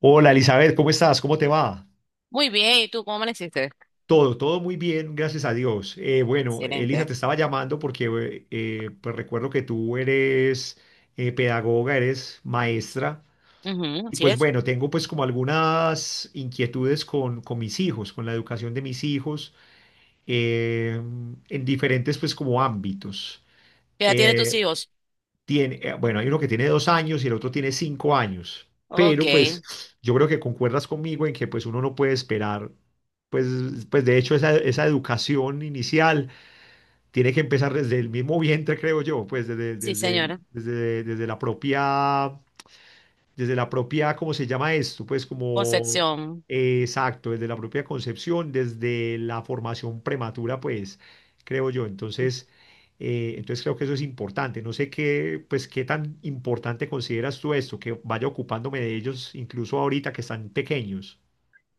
Hola Elizabeth, ¿cómo estás? ¿Cómo te va? Muy bien, ¿y tú cómo amaneciste? Todo muy bien, gracias a Dios. Bueno, Elisa, te Excelente. estaba llamando porque pues recuerdo que tú eres pedagoga, eres maestra. Ujú, Y así pues es. bueno, tengo pues como algunas inquietudes con mis hijos, con la educación de mis hijos eh, en diferentes pues como ámbitos. ¿Qué edad tienen tus Eh, hijos? Bueno, hay uno que tiene dos años y el otro tiene cinco años, Ok, pero pues yo creo que concuerdas conmigo en que pues uno no puede esperar, pues, pues de hecho esa educación inicial tiene que empezar desde el mismo vientre, creo yo, pues desde, sí, desde, el- señora. desde, desde la propia, desde la propia, ¿cómo se llama esto? Pues como, Concepción. Exacto, desde la propia concepción, desde la formación prematura, pues, creo yo. Entonces, creo que eso es importante. No sé qué, pues, qué tan importante consideras tú esto, que vaya ocupándome de ellos incluso ahorita que están pequeños.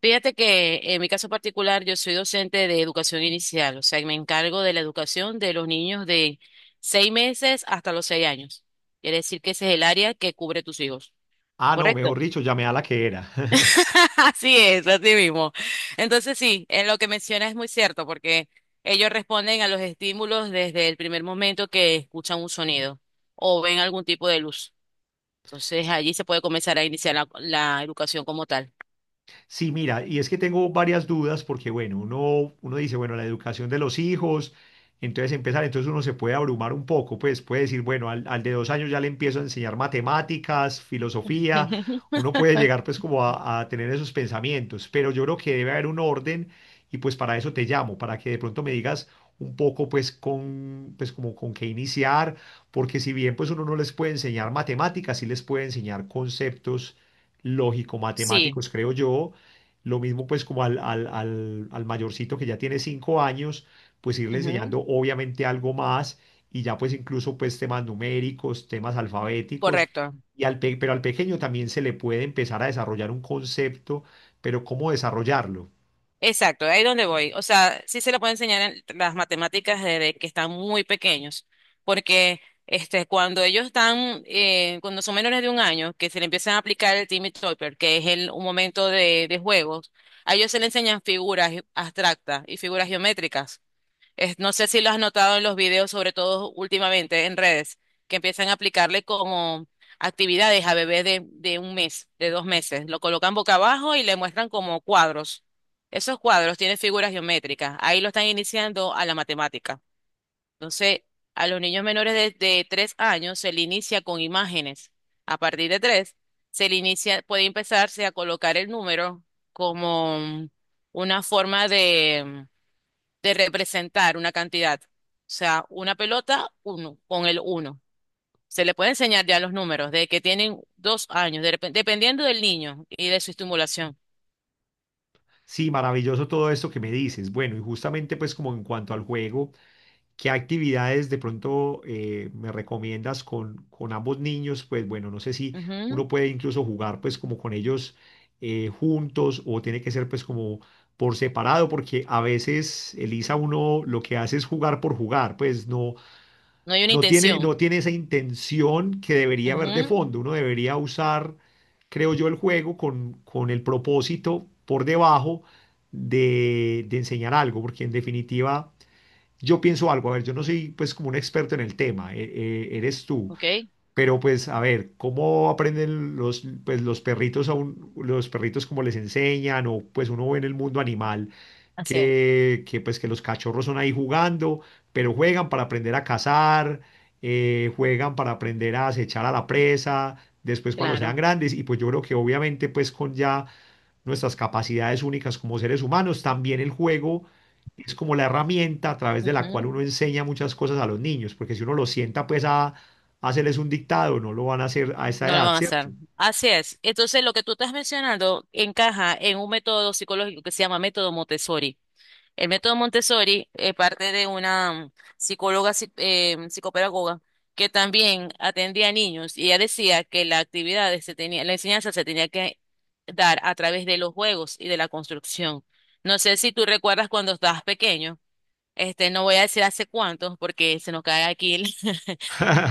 Fíjate que en mi caso particular yo soy docente de educación inicial, o sea, y me encargo de la educación de los niños de 6 meses hasta los 6 años. Quiere decir que ese es el área que cubre tus hijos, Ah, no, mejor ¿correcto? dicho, llamé a la que era. Así es, así mismo. Entonces sí, en lo que menciona es muy cierto, porque ellos responden a los estímulos desde el primer momento que escuchan un sonido o ven algún tipo de luz. Entonces allí se puede comenzar a iniciar la educación como tal. Sí, mira, y es que tengo varias dudas porque, bueno, uno dice, bueno, la educación de los hijos, entonces empezar, entonces uno se puede abrumar un poco, pues puede decir, bueno, al de dos años ya le empiezo a enseñar matemáticas, filosofía, uno puede llegar pues como a tener esos pensamientos, pero yo creo que debe haber un orden y pues para eso te llamo, para que de pronto me digas un poco pues con, pues como con qué iniciar, porque si bien pues uno no les puede enseñar matemáticas, sí les puede enseñar conceptos Sí, lógico-matemáticos, creo yo. Lo mismo pues como al mayorcito que ya tiene cinco años, pues irle ujú, enseñando obviamente algo más y ya pues incluso pues temas numéricos, temas alfabéticos. correcto. Y pero al pequeño también se le puede empezar a desarrollar un concepto, pero ¿cómo desarrollarlo? Exacto, ahí es donde voy. O sea, sí se le puede enseñar en las matemáticas desde que están muy pequeños, porque este, cuando ellos están, cuando son menores de un año, que se le empiezan a aplicar el Timmy Topper, que es un momento de juegos, a ellos se le enseñan figuras abstractas y figuras geométricas. No sé si lo has notado en los videos, sobre todo últimamente en redes, que empiezan a aplicarle como actividades a bebés de un mes, de 2 meses. Lo colocan boca abajo y le muestran como cuadros. Esos cuadros tienen figuras geométricas. Ahí lo están iniciando a la matemática. Entonces, a los niños menores de 3 años se le inicia con imágenes. A partir de tres, se le inicia, puede empezarse a colocar el número como una forma de representar una cantidad. O sea, una pelota, uno, con el uno. Se le puede enseñar ya los números de que tienen 2 años, dependiendo del niño y de su estimulación. Sí, maravilloso todo esto que me dices. Bueno, y justamente pues como en cuanto al juego. ¿Qué actividades de pronto me recomiendas con ambos niños? Pues bueno, no sé si Ujú. uno puede incluso jugar pues como con ellos juntos o tiene que ser pues como por separado, porque a veces Elisa uno lo que hace es jugar por jugar, pues no, No hay una intención. no tiene esa intención que debería haber de Ujú. fondo. Uno debería usar, creo yo, el juego con el propósito por debajo de enseñar algo, porque en definitiva yo pienso algo, a ver, yo no soy pues como un experto en el tema, eres tú, Ok, pero pues a ver, ¿cómo aprenden los, pues, los perritos como les enseñan? O pues uno ve en el mundo animal así es, que pues que los cachorros son ahí jugando, pero juegan para aprender a cazar, juegan para aprender a acechar a la presa, después cuando sean claro. grandes. Y pues yo creo que obviamente pues con ya nuestras capacidades únicas como seres humanos, también el juego es como la herramienta a través de la cual Ujú. uno enseña muchas cosas a los niños, porque si uno los sienta pues a hacerles un dictado, no lo van a hacer a esa No lo edad, van a ¿cierto? hacer. Así es. Entonces, lo que tú estás mencionando encaja en un método psicológico que se llama método Montessori. El método Montessori es parte de una psicóloga, psicopedagoga, que también atendía a niños y ella decía que la actividad se tenía, la enseñanza se tenía que dar a través de los juegos y de la construcción. No sé si tú recuerdas cuando estabas pequeño, este, no voy a decir hace cuántos porque se nos cae aquí el,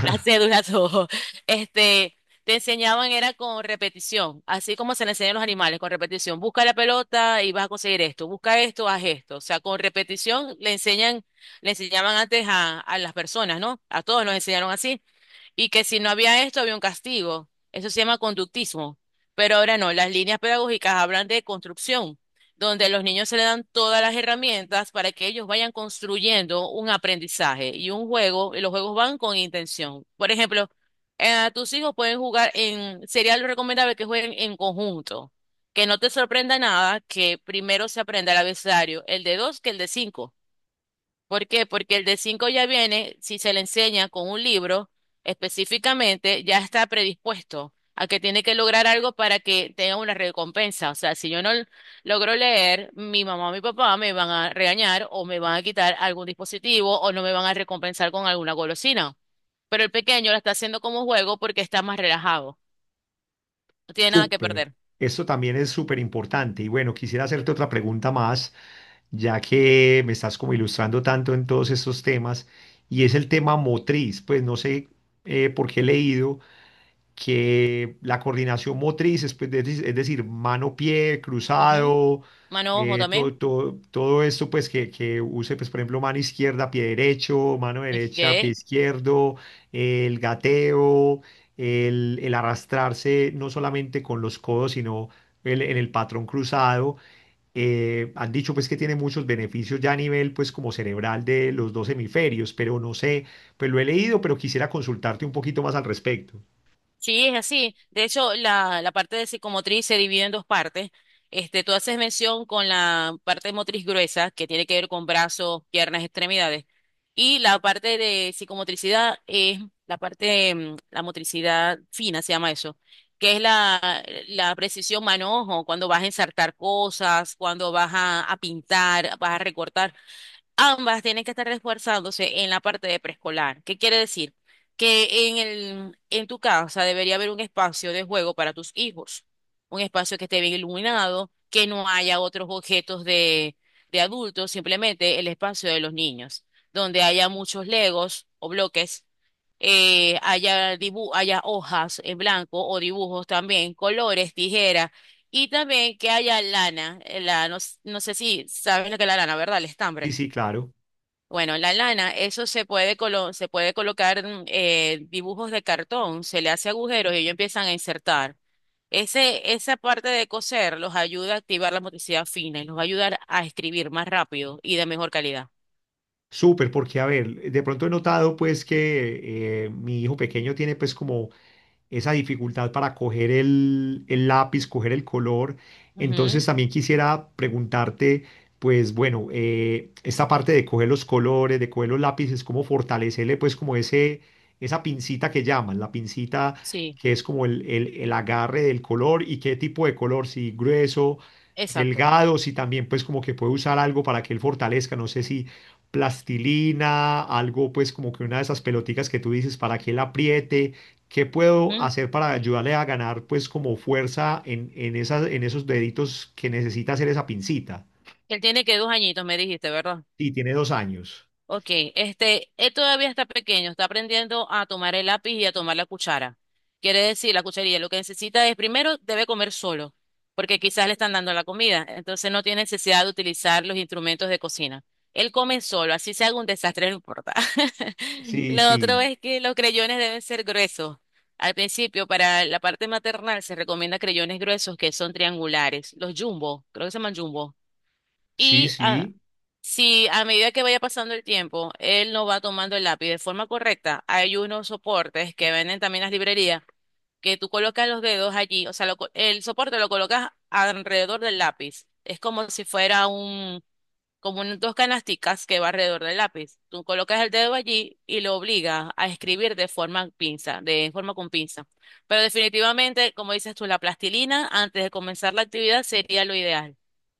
las cédulas, todo. Este, te enseñaban era con repetición, así como se le enseñan a los animales, con repetición. Busca la pelota y vas a conseguir esto, busca esto, haz esto. O sea, con repetición le enseñan, le enseñaban antes a las personas, ¿no? A todos nos enseñaron así y que si no había esto había un castigo. Eso se llama conductismo. Pero ahora no, las líneas pedagógicas hablan de construcción, donde a los niños se le dan todas las herramientas para que ellos vayan construyendo un aprendizaje y un juego, y los juegos van con intención. Por ejemplo, tus hijos pueden jugar, sería lo recomendable que jueguen en conjunto, que no te sorprenda nada que primero se aprenda el abecedario, el de dos que el de cinco. ¿Por qué? Porque el de 5 ya viene, si se le enseña con un libro específicamente, ya está predispuesto a que tiene que lograr algo para que tenga una recompensa. O sea, si yo no logro leer, mi mamá o mi papá me van a regañar o me van a quitar algún dispositivo o no me van a recompensar con alguna golosina. Pero el pequeño lo está haciendo como juego porque está más relajado. No tiene nada que Súper. perder. Esto también es súper importante. Y bueno, quisiera hacerte otra pregunta más, ya que me estás como ilustrando tanto en todos estos temas, y es el tema motriz. Pues no sé por qué he leído que la coordinación motriz es, pues, de- es decir, mano-pie, Ujú. cruzado, Mano ojo eh, todo, también. todo, todo esto pues que use, pues, por ejemplo, mano izquierda, pie derecho, mano derecha, pie Ok. izquierdo, el gateo, el arrastrarse no solamente con los codos, sino en el patrón cruzado. Han dicho pues que tiene muchos beneficios ya a nivel pues como cerebral de los dos hemisferios, pero no sé, pues lo he leído, pero quisiera consultarte un poquito más al respecto. Sí, es así. De hecho, la parte de psicomotriz se divide en dos partes. Este, tú haces mención con la parte motriz gruesa, que tiene que ver con brazos, piernas, extremidades. Y la parte de psicomotricidad es la parte, la motricidad fina, se llama eso, que es la precisión manojo, cuando vas a ensartar cosas, cuando vas a pintar, vas a recortar. Ambas tienen que estar esforzándose en la parte de preescolar. ¿Qué quiere decir? Que en tu casa debería haber un espacio de juego para tus hijos, un espacio que esté bien iluminado, que no haya otros objetos de adultos, simplemente el espacio de los niños, donde haya muchos legos o bloques, haya hojas en blanco o dibujos también, colores, tijeras. Y también que haya lana, no, no sé si saben lo que es la lana, ¿verdad? El Sí, estambre. sí, claro. Bueno, la lana, eso se puede, se puede colocar, dibujos de cartón, se le hace agujeros y ellos empiezan a insertar. Esa parte de coser los ayuda a activar la motricidad fina y los va a ayudar a escribir más rápido y de mejor calidad. Súper, porque a ver, de pronto he notado pues que mi hijo pequeño tiene pues como esa dificultad para coger el lápiz, coger el color. Entonces Ujú, también quisiera preguntarte, pues bueno, esta parte de coger los colores, de coger los lápices, cómo fortalecerle pues como ese, esa pincita que llaman, la pincita sí, que es como el agarre del color. ¿Y qué tipo de color, si grueso, exacto. delgado, si también pues como que puede usar algo para que él fortalezca, no sé si plastilina, algo pues como que una de esas pelotitas que tú dices para que él apriete? ¿Qué puedo Ujú. hacer para ayudarle a ganar, pues, como fuerza en esas, en esos deditos que necesita hacer esa pincita? Él tiene que 2 añitos, me dijiste, ¿verdad? Sí, tiene dos años. Ok, este, él todavía está pequeño, está aprendiendo a tomar el lápiz y a tomar la cuchara. Quiere decir, la cucharilla, lo que necesita es, primero, debe comer solo, porque quizás le están dando la comida, entonces no tiene necesidad de utilizar los instrumentos de cocina. Él come solo, así se haga un desastre, no importa. Sí, Lo sí, otro es que los creyones deben ser gruesos. Al principio, para la parte maternal, se recomienda creyones gruesos que son triangulares, los jumbo, creo que se llaman jumbo. sí, Y sí. si a medida que vaya pasando el tiempo, él no va tomando el lápiz de forma correcta, hay unos soportes que venden también en las librerías que tú colocas los dedos allí, o sea, el soporte lo colocas alrededor del lápiz. Es como si fuera dos canasticas que va alrededor del lápiz. Tú colocas el dedo allí y lo obligas a escribir de forma pinza, de forma con pinza. Pero definitivamente, como dices tú, la plastilina antes de comenzar la actividad sería lo ideal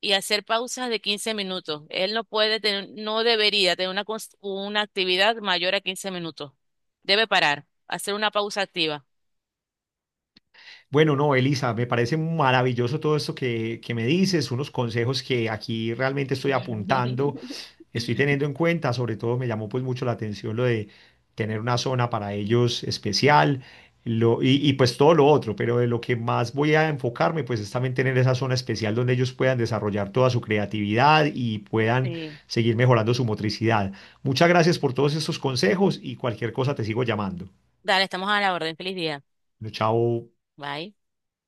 y hacer pausas de 15 minutos. Él no puede tener, no debería tener una actividad mayor a 15 minutos. Debe parar, hacer una pausa activa. Bueno, no, Elisa, me parece maravilloso todo esto que me dices, unos consejos que aquí realmente estoy apuntando, estoy teniendo en cuenta. Sobre todo me llamó pues mucho la atención lo de tener una zona para ellos especial, lo, y pues todo lo otro, pero de lo que más voy a enfocarme pues es también tener esa zona especial donde ellos puedan desarrollar toda su creatividad y puedan Sí. seguir mejorando su motricidad. Muchas gracias por todos estos consejos y cualquier cosa te sigo llamando. Dale, estamos a la orden. Feliz día. Bueno, chao. Bye.